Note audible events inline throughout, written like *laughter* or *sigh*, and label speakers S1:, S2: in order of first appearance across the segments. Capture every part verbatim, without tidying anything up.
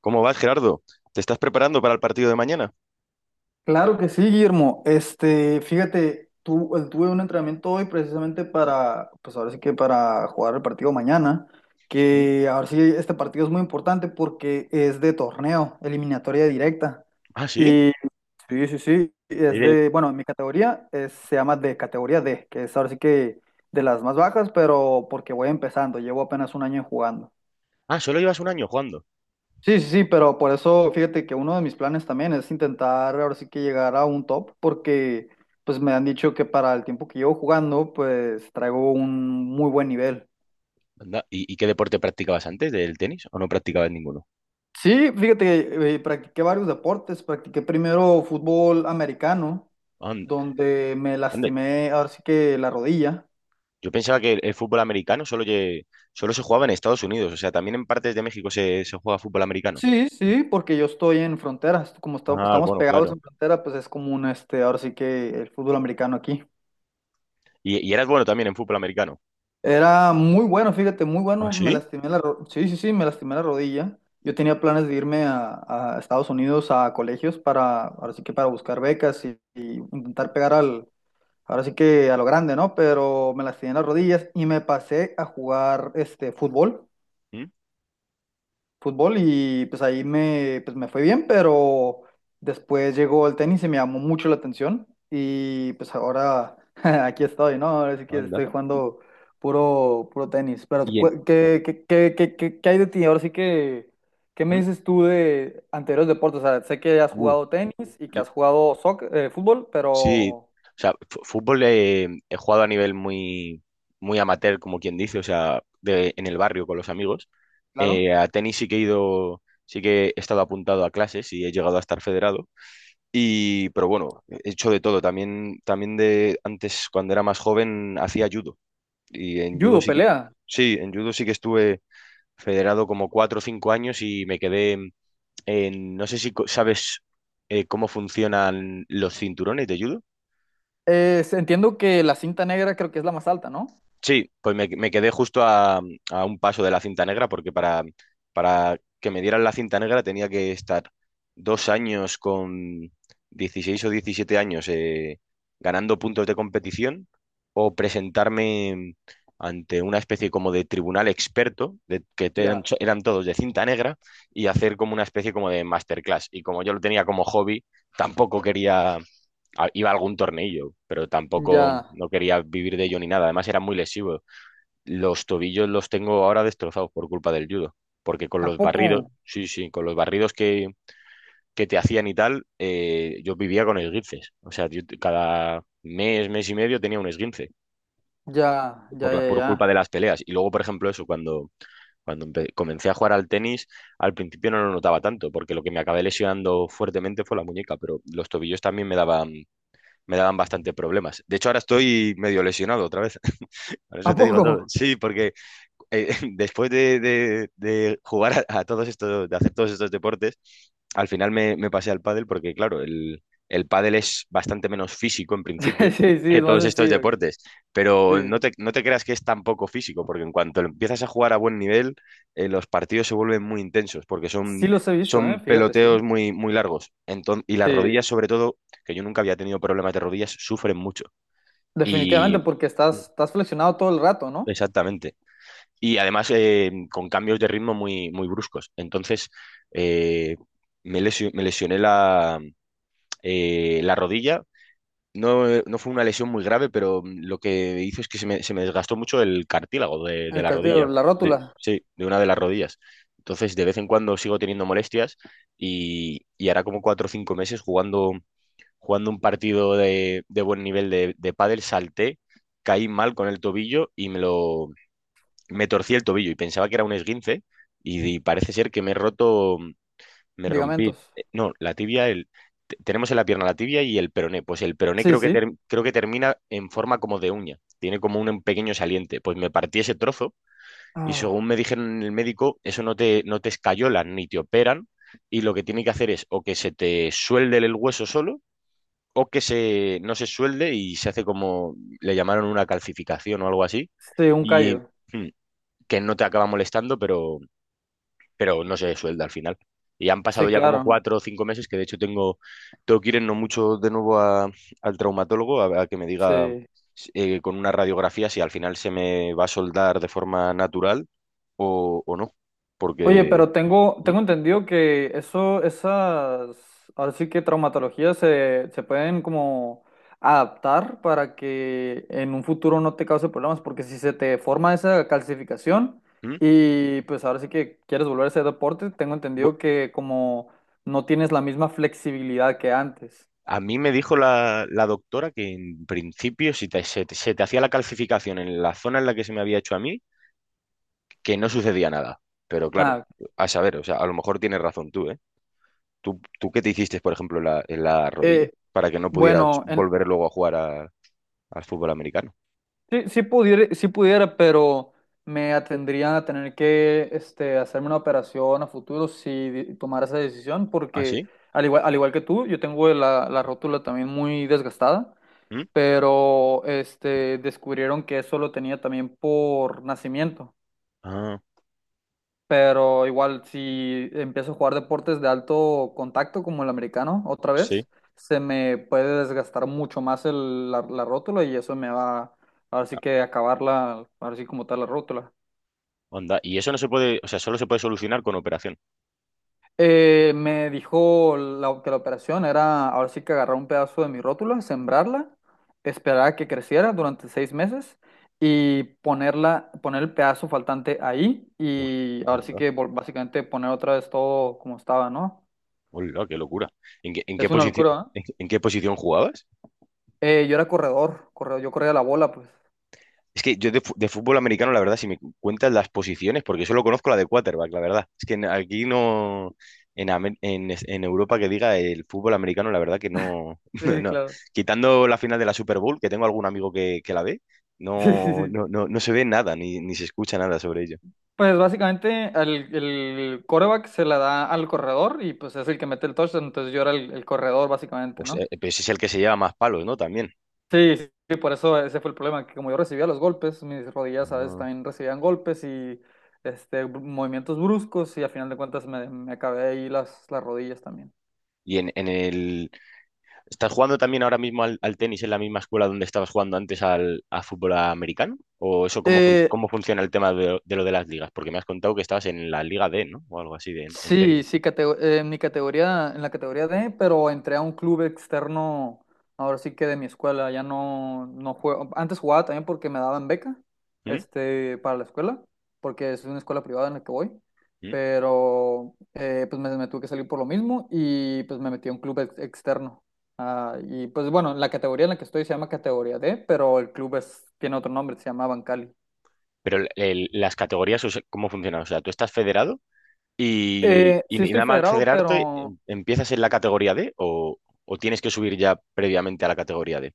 S1: ¿Cómo vas, Gerardo? ¿Te estás preparando para el partido de mañana?
S2: Claro que sí, Guillermo. Este, fíjate, tu- eh, tuve un entrenamiento hoy precisamente para, pues ahora sí que para jugar el partido mañana,
S1: ¿Mm?
S2: que ahora sí este partido es muy importante porque es de torneo, eliminatoria directa.
S1: Ah, sí.
S2: Y sí, sí, sí, es
S1: Eh,
S2: de, bueno, mi categoría es- se llama de categoría D, que es ahora sí que de las más bajas, pero porque voy empezando, llevo apenas un año jugando.
S1: ah, solo llevas un año jugando.
S2: Sí, sí, sí, pero por eso fíjate que uno de mis planes también es intentar ahora sí que llegar a un top, porque pues me han dicho que para el tiempo que llevo jugando, pues traigo un muy buen nivel.
S1: Anda. ¿Y, y qué deporte practicabas antes del tenis o no practicabas ninguno?
S2: Sí, fíjate que eh, practiqué varios deportes, practiqué primero fútbol americano,
S1: Anda,
S2: donde me
S1: anda.
S2: lastimé ahora sí que la rodilla.
S1: Yo pensaba que el, el fútbol americano solo, lle- solo se jugaba en Estados Unidos. O sea, también en partes de México se, se juega fútbol americano.
S2: Sí, sí, porque yo estoy en fronteras, como esta-
S1: Ah,
S2: estamos
S1: bueno,
S2: pegados
S1: claro.
S2: en frontera, pues es común este, ahora sí que el fútbol americano aquí.
S1: Y, y eras bueno también en fútbol americano.
S2: Era muy bueno, fíjate, muy
S1: Ah,
S2: bueno. Me
S1: sí.
S2: lastimé la ro- sí, sí, sí, me lastimé la rodilla. Yo tenía planes de irme a, a Estados Unidos a colegios para, ahora sí que para buscar becas y, y intentar pegar al, ahora sí que a lo grande, ¿no? Pero me lastimé las rodillas y me pasé a jugar este fútbol
S1: ¿Mm?
S2: fútbol y pues ahí me, pues me fue bien, pero después llegó el tenis y me llamó mucho la atención y pues ahora *laughs* aquí estoy, ¿no? Ahora sí que
S1: Anda.
S2: estoy jugando puro, puro tenis, pero
S1: Y en...
S2: cu- ¿qué, qué, qué, qué, qué- qué hay de ti? Ahora sí que, ¿qué me
S1: ¿Mm?
S2: dices tú de anteriores deportes? O sea, sé que has
S1: Uh,
S2: jugado tenis y que has jugado soc- eh, fútbol,
S1: Sí,
S2: pero
S1: o sea, fu- fútbol eh, he jugado a nivel muy, muy amateur, como quien dice. O sea, de- en el barrio con los amigos.
S2: claro,
S1: Eh, a tenis sí que he ido, sí que he estado apuntado a clases y he llegado a estar federado. Y pero bueno, he hecho de todo. También, también de antes, cuando era más joven, hacía judo. Y en judo
S2: judo,
S1: sí que,
S2: pelea.
S1: sí, en judo sí que estuve federado como cuatro o cinco años, y me quedé en, no sé si co- sabes eh, cómo funcionan los cinturones de judo.
S2: Eh, entiendo que la cinta negra creo que es la más alta, ¿no?
S1: Sí, pues me, me quedé justo a, a un paso de la cinta negra, porque para, para que me dieran la cinta negra tenía que estar dos años con dieciséis o diecisiete años eh, ganando puntos de competición, o presentarme ante una especie como de tribunal experto, de, que te- eran,
S2: Ya,
S1: eran todos de cinta negra, y hacer como una especie como de masterclass. Y como yo lo tenía como hobby, tampoco quería a- iba algún tornillo, pero tampoco
S2: ya.
S1: no quería vivir de ello ni nada. Además, era muy lesivo. Los tobillos los tengo ahora destrozados por culpa del judo, porque con
S2: ¿A
S1: los
S2: poco?
S1: barridos, sí, sí, con los barridos que, que te hacían y tal, eh, yo vivía con esguinces. O sea, yo te- cada mes, mes y medio tenía un esguince
S2: Ya, ya,
S1: por la,
S2: ya,
S1: por culpa de
S2: ya.
S1: las peleas. Y luego, por ejemplo, eso, cuando, cuando empe- comencé a jugar al tenis, al principio no lo notaba tanto, porque lo que me acabé lesionando fuertemente fue la muñeca, pero los tobillos también me daban me daban bastante problemas. De hecho, ahora estoy medio lesionado otra vez. *laughs* Por
S2: ¿A
S1: eso te digo
S2: poco?
S1: todo. Sí, porque eh, *laughs* después de, de- de jugar a, a todos estos, de hacer todos estos deportes, al final me, me pasé al pádel porque, claro, el, el pádel es bastante menos físico en principio
S2: *laughs* Sí, sí,
S1: que
S2: es más
S1: todos estos
S2: sencillo.
S1: deportes, pero no
S2: Sí.
S1: te, no te creas que es tan poco físico, porque en cuanto empiezas a jugar a buen nivel, eh, los partidos se vuelven muy intensos porque
S2: Sí
S1: son,
S2: los he visto, ¿eh?
S1: son
S2: Fíjate, sí.
S1: peloteos muy, muy largos. Enton- y las rodillas,
S2: Sí.
S1: sobre todo, que yo nunca había tenido problemas de rodillas, sufren mucho.
S2: Definitivamente
S1: Y
S2: porque estás, estás flexionado todo el rato, ¿no?
S1: exactamente. Y además eh, con cambios de ritmo muy, muy bruscos. Entonces eh, me, lesio- me lesioné la, eh, la rodilla. No, eh, no fue una lesión muy grave, pero mm, lo que hizo es que se me, se me desgastó mucho el cartílago de, de
S2: El
S1: la
S2: cartílago,
S1: rodilla.
S2: la
S1: De,
S2: rótula,
S1: sí, de una de las rodillas. Entonces de vez en cuando sigo teniendo molestias, y, y hará como cuatro o cinco meses jugando, jugando un partido de, de buen nivel de, de pádel, salté, caí mal con el tobillo y me lo, me torcí el tobillo y pensaba que era un esguince, y, y parece ser que me he roto, me rompí,
S2: ligamentos.
S1: eh, no, la tibia, el, te- tenemos en la pierna la tibia y el peroné. Pues el peroné
S2: Sí,
S1: creo que,
S2: sí.
S1: ter- creo que termina en forma como de uña, tiene como un pequeño saliente, pues me partí ese trozo. Y según
S2: Ah,
S1: me dijeron el médico, eso no te, no te escayolan ni te operan, y lo que tiene que hacer es o que se te suelde el hueso solo, o que se, no se suelde y se hace como, le llamaron una calcificación o algo así.
S2: sí, un
S1: Y
S2: callo.
S1: hmm, que no te acaba molestando, pero, pero no se suelda al final. Y han pasado
S2: Sí,
S1: ya como
S2: claro.
S1: cuatro o cinco meses, que de hecho tengo, tengo que ir en no mucho de nuevo a- al traumatólogo a, a que me diga
S2: Sí.
S1: eh, con una radiografía si al final se me va a soldar de forma natural o, o no.
S2: Oye,
S1: Porque
S2: pero tengo,
S1: ¿mm?
S2: tengo entendido que eso, esas, ahora sí que traumatologías se, se pueden como adaptar para que en un futuro no te cause problemas, porque si se te forma esa calcificación
S1: ¿Mm?
S2: y pues ahora sí que quieres volver a ese deporte, tengo
S1: Bu-
S2: entendido que como no tienes la misma flexibilidad que antes.
S1: a mí me dijo la, la doctora que en principio si te- se, te- se te hacía la calcificación en la zona en la que se me había hecho a mí, que no sucedía nada. Pero claro,
S2: Ah,
S1: a saber, o sea, a lo mejor tienes razón tú, ¿eh? ¿Tú, tú qué te hiciste, por ejemplo, en la, en la rodilla
S2: eh,
S1: para que no pudieras
S2: bueno, en,
S1: volver luego a jugar a- al fútbol americano?
S2: Sí, sí pudiera, sí pudiera, pero me atendrían a tener que este, hacerme una operación a futuro si di- tomara esa decisión,
S1: ¿Ah,
S2: porque
S1: sí?
S2: al igual, al igual que tú, yo tengo la, la rótula también muy desgastada,
S1: ¿Mm?
S2: pero este, descubrieron que eso lo tenía también por nacimiento,
S1: Ah,
S2: pero igual si empiezo a jugar deportes de alto contacto como el americano otra
S1: sí.
S2: vez, se me puede desgastar mucho más el- la, la rótula y eso me va, ahora sí
S1: Ah,
S2: que acabarla, ahora sí como tal la rótula.
S1: onda. Y eso no se puede, o sea, solo se puede solucionar con operación.
S2: Eh, me dijo la- que la operación era ahora sí que agarrar un pedazo de mi rótula, sembrarla, esperar a que creciera durante seis meses y ponerla, poner el pedazo faltante ahí
S1: Uf,
S2: y ahora sí
S1: onda.
S2: que vol- básicamente poner otra vez todo como estaba, ¿no?
S1: Hola, qué locura. ¿En qué, en
S2: Es
S1: qué
S2: una
S1: posición,
S2: locura, ¿eh?
S1: en, en qué posición jugabas?
S2: Eh, yo era corredor, corredor, yo corría la bola, pues.
S1: Es que yo de, fu- de fútbol americano, la verdad, si me cuentas las posiciones, porque solo conozco la de quarterback, la verdad. Es que en- aquí no, en, Amé- en, es- en Europa que diga el fútbol americano, la verdad que no, *laughs* no,
S2: Sí,
S1: no.
S2: claro. *laughs*
S1: Quitando la final de la Super Bowl, que tengo algún amigo que, que la ve,
S2: Sí, sí,
S1: no,
S2: sí.
S1: no, no, no se ve nada, ni, ni se escucha nada sobre ello.
S2: Pues básicamente el, el quarterback se la da al corredor y pues es el que mete el touchdown, entonces yo era el, el corredor básicamente,
S1: Pues, eh,
S2: ¿no?
S1: pues es el que se lleva más palos, ¿no? También.
S2: Sí, sí, sí, por eso ese fue el problema, que como yo recibía los golpes, mis rodillas a veces
S1: Ah.
S2: también recibían golpes y este, br- movimientos bruscos y a final de cuentas me, me acabé ahí las, las rodillas también.
S1: Y en, en el, ¿estás jugando también ahora mismo al, al tenis en la misma escuela donde estabas jugando antes al a fútbol americano? ¿O eso cómo, fun-
S2: Eh,
S1: cómo funciona el tema de, de lo de las ligas? Porque me has contado que estabas en la Liga D, ¿no? O algo así de, en, en
S2: Sí,
S1: tenis.
S2: sí, catego- eh, en mi categoría, en la categoría D, pero entré a un club externo, ahora sí que de mi escuela, ya no, no juego, antes jugaba también porque me daban beca,
S1: ¿Mm?
S2: este, para la escuela, porque es una escuela privada en la que voy,
S1: ¿Mm?
S2: pero eh, pues me, me tuve que salir por lo mismo y pues me metí a un club ex- externo. Ah, y pues bueno, la categoría en la que estoy se llama categoría D, pero el club es, tiene otro nombre, se llama Bancali.
S1: Pero el- el- las categorías, o sea, ¿cómo funcionan? O sea, ¿tú estás federado y,
S2: Eh,
S1: y
S2: sí estoy
S1: nada más
S2: federado,
S1: federarte
S2: pero
S1: em- empiezas en la categoría D? ¿O o tienes que subir ya previamente a la categoría D?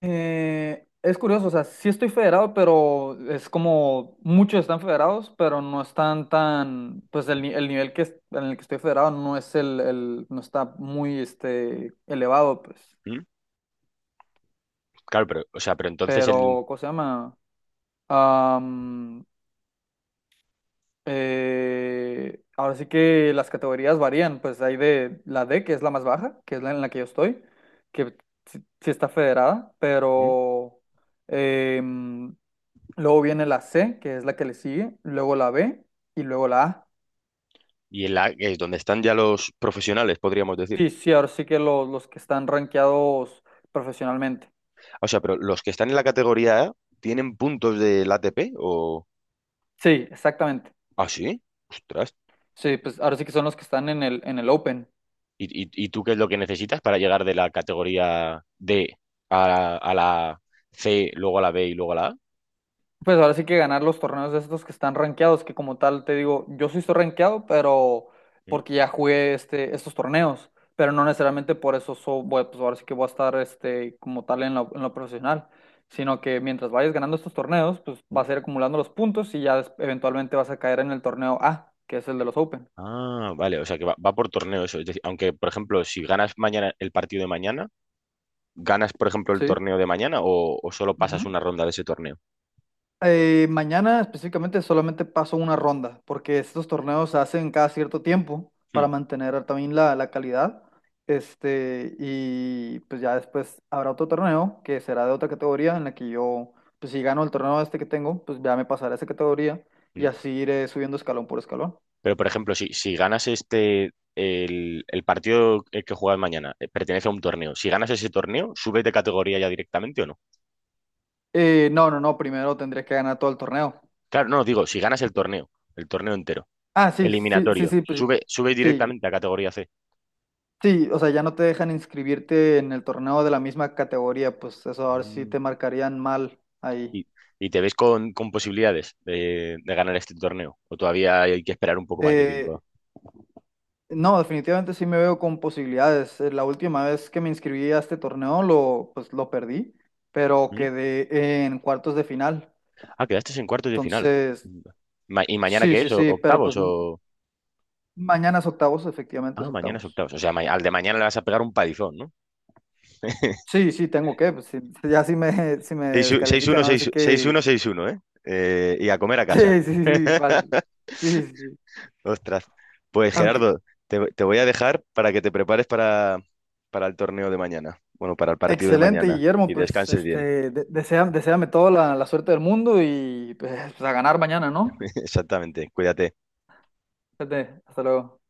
S2: Eh, es curioso, o sea, sí estoy federado, pero es como muchos están federados, pero no están tan, pues el, ni- el nivel que es- en el que estoy federado no es el, el- no está muy este elevado, pues.
S1: ¿Mm? Claro, pero, o sea, pero entonces el...
S2: Pero, ¿cómo se llama? Eh, ahora sí que las categorías varían, pues hay de la D, que es la más baja, que es la en la que yo estoy, que sí, sí está federada,
S1: ¿Mm?
S2: pero em, luego viene la C, que es la que le sigue, luego la B y luego la A.
S1: Y en la, que es donde están ya los profesionales, podríamos decir.
S2: Sí, sí, ahora sí que los, los que están rankeados profesionalmente.
S1: O sea, pero los que están en la categoría A tienen puntos del A T P o...
S2: Sí, exactamente.
S1: Ah, sí. Ostras.
S2: Sí, pues ahora sí que son los que están en el, en el Open.
S1: ¿Y, y- y tú qué es lo que necesitas para llegar de la categoría D a la, a la C, luego a la B y luego a la A?
S2: Pues ahora sí que ganar los torneos de estos que están rankeados, que como tal te digo, yo sí estoy rankeado, pero
S1: Mm,
S2: porque ya jugué este, estos torneos, pero no necesariamente por eso so- voy- pues ahora sí que voy a estar este, como tal en lo, en lo profesional, sino que mientras vayas ganando estos torneos, pues
S1: mm.
S2: vas a ir acumulando los puntos y ya des- eventualmente vas a caer en el torneo A, que es el de los Open.
S1: Ah, vale, o sea que va, va por torneo eso. Es decir, aunque, por ejemplo, si ganas mañana el partido de mañana, ¿ganas, por ejemplo, el
S2: Sí.
S1: torneo de mañana o, o solo pasas una ronda de ese torneo?
S2: Eh, mañana específicamente solamente paso una ronda, porque estos torneos se hacen cada cierto tiempo
S1: Hmm,
S2: para mantener también la, la calidad. Este, y pues ya después habrá otro torneo que será de otra categoría en la que yo, pues si gano el torneo este que tengo, pues ya me pasaré a esa categoría y
S1: hmm.
S2: así iré subiendo escalón por escalón.
S1: Pero, por ejemplo, si, si ganas este, el, el partido el que juegas mañana, eh, pertenece a un torneo. Si ganas ese torneo, ¿subes de categoría ya directamente o no?
S2: Eh, no, no, no, primero tendré que ganar todo el torneo.
S1: Claro, no, digo, si ganas el torneo, el torneo entero,
S2: Ah, sí, sí, sí,
S1: eliminatorio,
S2: sí, pues
S1: sube, sube
S2: sí,
S1: directamente a categoría C.
S2: Sí, o sea, ya no te dejan inscribirte en el torneo de la misma categoría, pues eso ahora sí
S1: Mm.
S2: te marcarían mal ahí.
S1: Y, y te ves con, con posibilidades de, de ganar este torneo. O todavía hay que esperar un poco más de
S2: Eh,
S1: tiempo.
S2: no, definitivamente sí me veo con posibilidades. Eh, La última vez que me inscribí a este torneo lo, pues lo perdí, pero
S1: Mm.
S2: quedé en cuartos de final.
S1: Ah, quedaste en cuartos de final.
S2: Entonces,
S1: Ma- ¿y mañana
S2: sí,
S1: qué
S2: sí,
S1: es? ¿O-
S2: sí, pero pues
S1: octavos
S2: n-
S1: o...?
S2: mañana es octavos, efectivamente es
S1: Ah, mañana es
S2: octavos.
S1: octavos. O sea, ma- al de mañana le vas a pegar un palizón, ¿no? *laughs*
S2: Sí, sí, tengo que, pues sí, ya si me, *laughs* si me descalifican, ahora sí que...
S1: seis uno,
S2: *laughs*
S1: seis uno, ¿eh? Eh, Y a comer a casa.
S2: Sí, sí, sí, fácil. Sí, sí, sí.
S1: Ostras. Pues
S2: Aunque,
S1: Gerardo, te, te voy a dejar para que te prepares para, para el torneo de mañana. Bueno, para el partido de
S2: excelente,
S1: mañana.
S2: Guillermo.
S1: Y
S2: Pues
S1: descanses bien.
S2: este, de- desea- deséame toda la, la suerte del mundo y pues, a ganar mañana, ¿no?
S1: *laughs* Exactamente. Cuídate.
S2: Fíjate, hasta luego.